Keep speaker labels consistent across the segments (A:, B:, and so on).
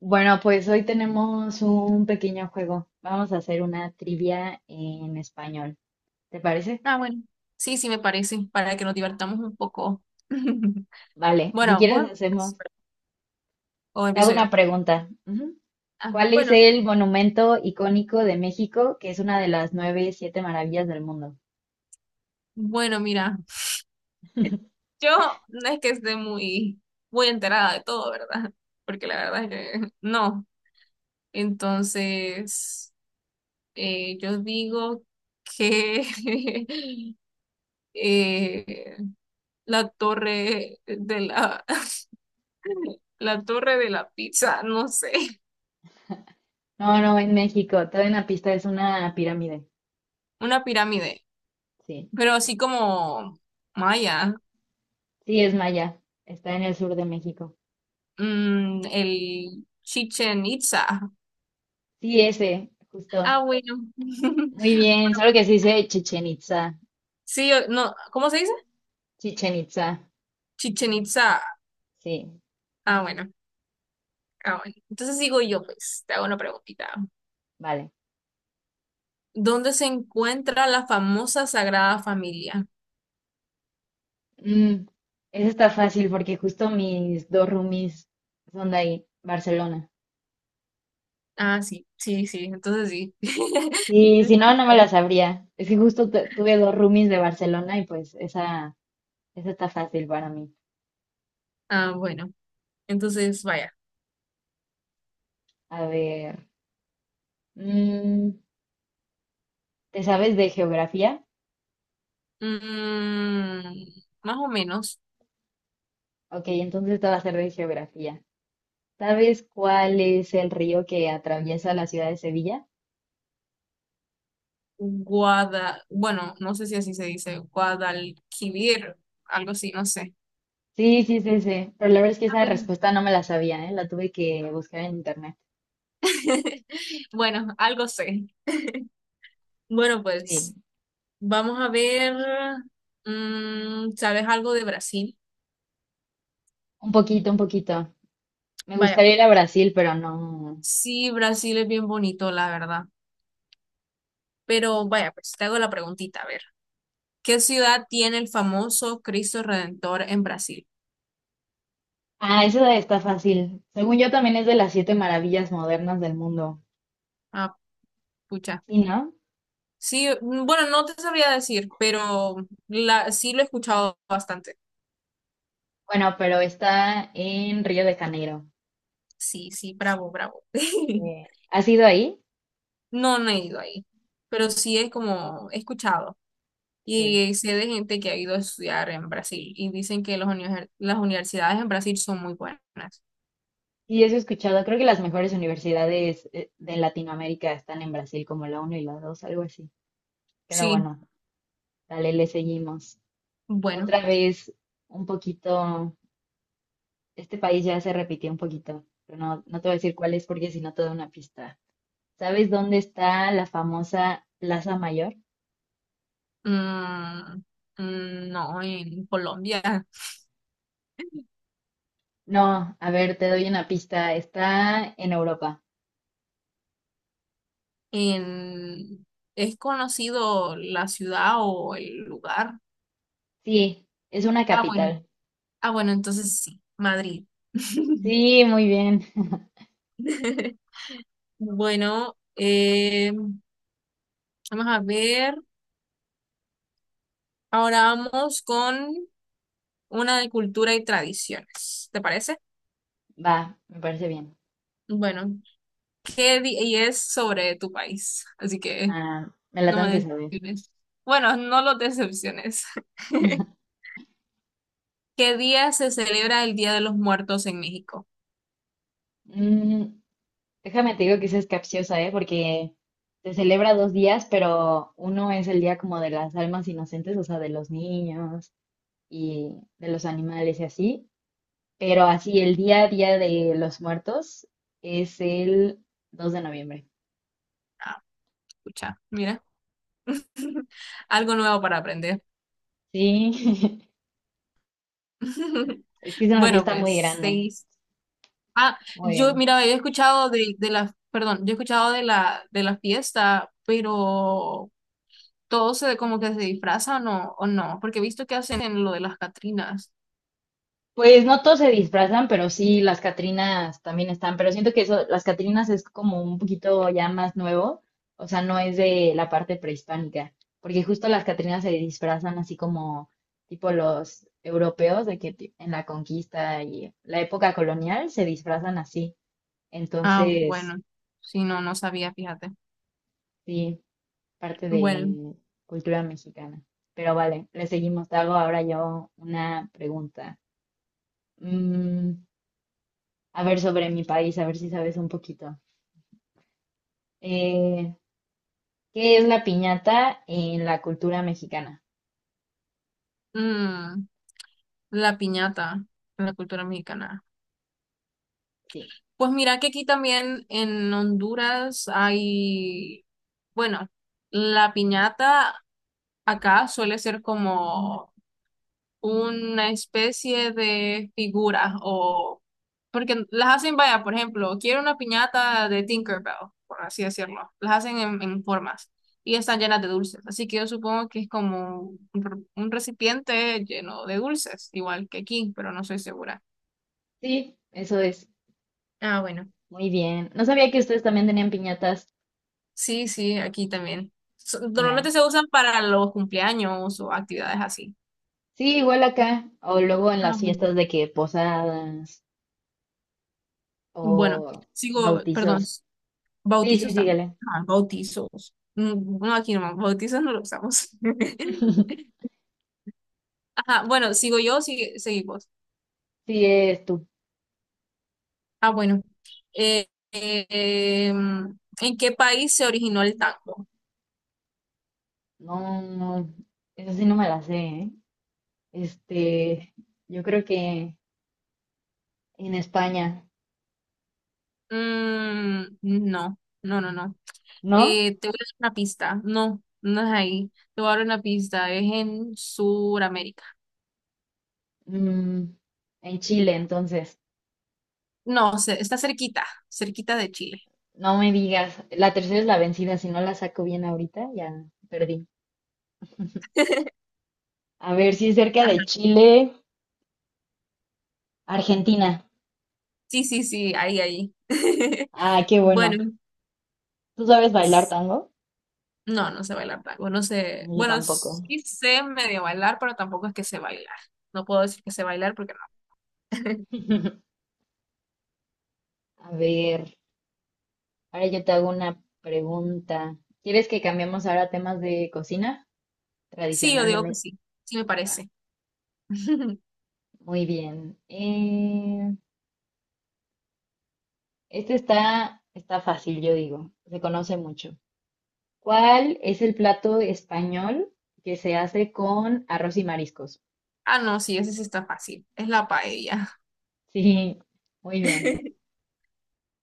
A: Bueno, pues hoy tenemos un pequeño juego. Vamos a hacer una trivia en español. ¿Te parece?
B: Ah, bueno. Sí, sí, me parece, para que nos divertamos un poco.
A: Vale, si
B: Bueno, vos
A: quieres
B: em-
A: hacemos.
B: o
A: Te hago
B: empiezo
A: una
B: yo.
A: pregunta. Ujú.
B: Ah,
A: ¿Cuál es
B: bueno,
A: el monumento icónico de México, que es una de las nueve, siete maravillas del mundo?
B: bueno, mira, yo no es que esté muy enterada de todo, ¿verdad? Porque la verdad es que no. Entonces, yo digo que eh, la torre de la, la torre de la pizza, no sé,
A: No, no, en México. Te doy una pista, es una pirámide.
B: una pirámide,
A: Sí,
B: pero así como maya.
A: sí, es maya. Está en el sur de México.
B: Mm, el Chichen Itza.
A: Sí, ese,
B: Ah,
A: justo.
B: bueno.
A: Muy bien, solo que se dice Chichen Itza.
B: Sí, no, ¿cómo se dice?
A: Chichen Itza.
B: Chichen Itza.
A: Sí,
B: Ah, bueno. Ah, bueno. Entonces digo yo, pues, te hago una preguntita.
A: vale.
B: ¿Dónde se encuentra la famosa Sagrada Familia?
A: Mm, Eso está fácil porque justo mis dos roomies son de ahí, Barcelona.
B: Ah, sí, sí, sí. Entonces sí.
A: Sí, si no, no me la sabría. Es que justo tuve dos roomies de Barcelona y pues esa está fácil para mí.
B: Ah, bueno. Entonces, vaya.
A: A ver, mm, ¿te sabes de geografía?
B: Mm, más o menos.
A: Ok, entonces te va a ser de geografía. ¿Sabes cuál es el río que atraviesa la ciudad de Sevilla?
B: Guada, bueno, no sé si así se dice, Guadalquivir, algo así, no sé.
A: Sí, sí, sí, sí. Pero la verdad es que esa respuesta no me la sabía, ¿eh? La tuve que buscar en internet.
B: Bueno, algo sé. Bueno,
A: Sí,
B: pues vamos a ver, ¿sabes algo de Brasil?
A: un poquito, un poquito. Me
B: Vaya,
A: gustaría
B: pues.
A: ir a Brasil, pero no.
B: Sí, Brasil es bien bonito, la verdad. Pero vaya, pues te hago la preguntita, a ver. ¿Qué ciudad tiene el famoso Cristo Redentor en Brasil?
A: Ah, eso está fácil. Según yo también es de las siete maravillas modernas del mundo.
B: Ah, pucha.
A: ¿Sí, no?
B: Sí, bueno, no te sabría decir, pero sí lo he escuchado bastante.
A: Bueno, pero está en Río de Janeiro.
B: Sí, sí, bravo, bravo.
A: ¿Has ido ahí?
B: No, no he ido ahí, pero sí es como he escuchado.
A: Sí.
B: Y sé de gente que ha ido a estudiar en Brasil y dicen que las universidades en Brasil son muy buenas.
A: Sí, eso he escuchado. Creo que las mejores universidades de Latinoamérica están en Brasil, como la uno y la 2, algo así. Pero
B: Sí,
A: bueno, dale, le seguimos.
B: bueno,
A: Otra vez, un poquito, este país ya se repitió un poquito, pero no, no te voy a decir cuál es porque si no te doy una pista. ¿Sabes dónde está la famosa Plaza Mayor?
B: mm, no, en Colombia
A: No, a ver, te doy una pista. Está en Europa.
B: en, es conocido la ciudad o el lugar.
A: Sí, es una
B: Ah, bueno,
A: capital.
B: ah, bueno, entonces sí, Madrid.
A: Sí, muy bien.
B: Bueno, vamos a ver. Ahora vamos con una de cultura y tradiciones. ¿Te parece?
A: Va, me parece bien.
B: Bueno. Y es sobre tu país, así que
A: Ah, me la
B: no
A: tengo
B: me
A: que saber.
B: decepciones. Bueno, no los decepciones. ¿Qué día se celebra el Día de los Muertos en México?
A: Mm, Déjame te digo que esa es capciosa, ¿eh? Porque se celebra dos días, pero uno es el día como de las almas inocentes, o sea, de los niños y de los animales y así. Pero así, el día a día de los muertos es el 2 de noviembre.
B: Ah, escucha, mira, algo nuevo para aprender.
A: Sí, es que es una
B: Bueno,
A: fiesta muy
B: pues
A: grande.
B: seis. Ah,
A: Muy
B: yo,
A: bien.
B: mira, había escuchado perdón, yo he escuchado de la fiesta, pero todo se como que se disfrazan o no, porque he visto que hacen lo de las Catrinas.
A: Pues no todos se disfrazan, pero sí, las Catrinas también están. Pero siento que eso, las Catrinas es como un poquito ya más nuevo. O sea, no es de la parte prehispánica. Porque justo las Catrinas se disfrazan así como tipo los europeos, de que en la conquista y la época colonial se disfrazan así.
B: Ah,
A: Entonces,
B: bueno, sí, no, no sabía, fíjate.
A: sí, parte
B: Bueno,
A: de cultura mexicana. Pero vale, le seguimos. Te hago ahora yo una pregunta. Mm, a ver sobre mi país, a ver si sabes un poquito. Eh, ¿Qué es la piñata en la cultura mexicana?
B: mm, la piñata, en la cultura mexicana.
A: Sí,
B: Pues mira que aquí también en Honduras hay, bueno, la piñata acá suele ser como una especie de figura o porque las hacen, vaya, por ejemplo, quiero una piñata de Tinkerbell, por así decirlo. Las hacen en formas y están llenas de dulces. Así que yo supongo que es como un recipiente lleno de dulces, igual que aquí, pero no soy segura.
A: sí, eso es.
B: Ah, bueno.
A: Muy bien. No sabía que ustedes también tenían piñatas.
B: Sí, sí, aquí también.
A: Mira,
B: Normalmente se usan para los cumpleaños o actividades así.
A: sí, igual acá. O luego en
B: Ah,
A: las
B: bueno.
A: fiestas de que posadas o
B: Bueno, sigo,
A: bautizos.
B: perdón.
A: Sí, sí,
B: Bautizos también.
A: síguele.
B: Ajá, bautizos. Mm, bueno, aquí no, bautizos no lo usamos. Ajá, bueno, sigo yo, sigue, seguimos.
A: Sí, es tu.
B: Ah, bueno. Eh, eh, ¿En qué país se originó el tango?
A: No, no, eso sí no me la sé, ¿eh? Este, yo creo que en España,
B: Mm, no, no, no, no.
A: ¿no?
B: Te voy a dar una pista. No, no es ahí. Te voy a dar una pista. Es en Sudamérica.
A: Mm, ¿en Chile, entonces?
B: No, está cerquita, cerquita de Chile.
A: No me digas. La tercera es la vencida. Si no la saco bien ahorita, ya perdí. A ver, si es cerca
B: Ajá,
A: de Chile, Argentina.
B: sí, sí, sí, ahí, ahí.
A: Ah, qué bueno.
B: Bueno.
A: ¿Tú sabes bailar tango?
B: No, no sé bailar tango, no sé.
A: No, yo
B: Bueno,
A: tampoco.
B: sí sé medio bailar, pero tampoco es que sé bailar. No puedo decir que sé bailar porque no.
A: A ver, ahora yo te hago una pregunta. ¿Quieres que cambiemos ahora a temas de cocina
B: Sí, yo
A: tradicional de
B: digo que
A: México?
B: sí, sí me parece.
A: Muy bien. Este está, está fácil, yo digo. Se conoce mucho. ¿Cuál es el plato español que se hace con arroz y mariscos?
B: Ah, no, sí, ese sí está fácil. Es la paella.
A: Sí, muy bien,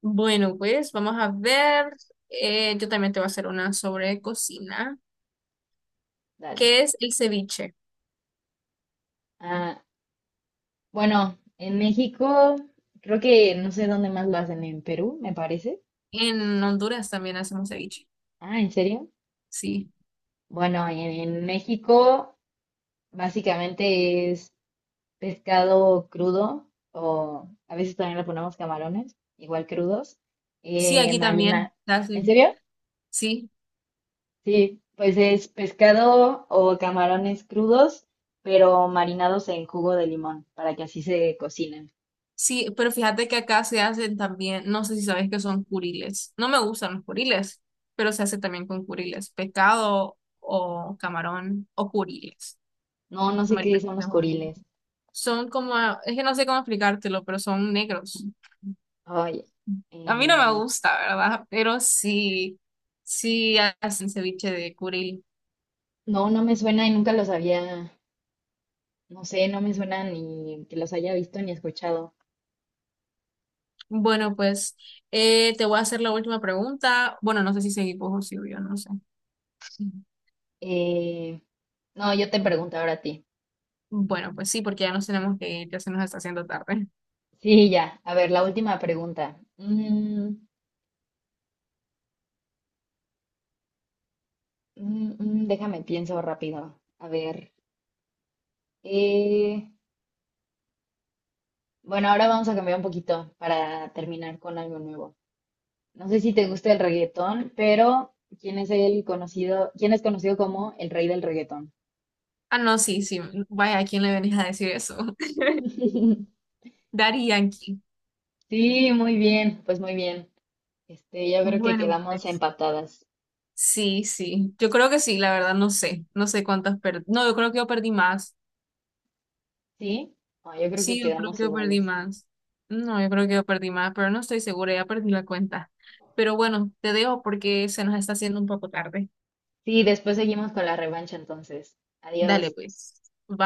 B: Bueno, pues vamos a ver. Yo también te voy a hacer una sobre cocina,
A: dale.
B: que es el ceviche.
A: Ah, bueno, en México, creo que no sé dónde más lo hacen, en Perú, me parece.
B: En Honduras también hacemos ceviche.
A: Ah, ¿en serio?
B: Sí.
A: Bueno, en México básicamente es pescado crudo o a veces también le ponemos camarones, igual crudos,
B: Sí, aquí también.
A: marina. ¿En
B: Así.
A: serio?
B: Sí.
A: Sí, pues es pescado o camarones crudos, pero marinados en jugo de limón, para que así se cocinen.
B: Sí, pero fíjate que acá se hacen también, no sé si sabes que son curiles. No me gustan los curiles, pero se hace también con curiles, pescado o camarón o curiles.
A: No, no sé qué
B: Marinado,
A: son los
B: tenemos ahí.
A: coriles.
B: Son como, es que no sé cómo explicártelo, pero son negros.
A: Ay,
B: A mí no me
A: eh,
B: gusta, ¿verdad? Pero sí, sí hacen ceviche de curil.
A: no, no me suena y nunca los había, no sé, no me suena ni que los haya visto ni escuchado.
B: Bueno, pues te voy a hacer la última pregunta. Bueno, no sé si seguimos o si yo no sé.
A: Eh, no, yo te pregunto ahora a ti.
B: Bueno, pues sí, porque ya nos tenemos que ir, ya se nos está haciendo tarde.
A: Sí, ya. A ver, la última pregunta. Déjame, pienso rápido. A ver. eh, Bueno, ahora vamos a cambiar un poquito para terminar con algo nuevo. No sé si te gusta el reggaetón, pero ¿quién es el conocido, quién es conocido como el rey del reggaetón?
B: Ah, no, sí, sí. Mm, vaya, ¿a quién le venís a decir eso? Daddy Yankee.
A: Sí, muy bien, pues muy bien. Este, yo creo que
B: Bueno,
A: quedamos
B: pues.
A: empatadas,
B: Sí, sí. Yo creo que sí, la verdad, no sé. No sé cuántas perdí. No, yo creo que yo perdí más.
A: ¿sí? No, yo creo que
B: Sí, yo creo
A: quedamos
B: que yo perdí
A: iguales.
B: más. No, yo creo que yo perdí más, pero no estoy segura, ya perdí la cuenta. Pero bueno, te dejo porque se nos está haciendo un poco tarde.
A: Sí, después seguimos con la revancha entonces.
B: Dale,
A: Adiós.
B: pues. Bye.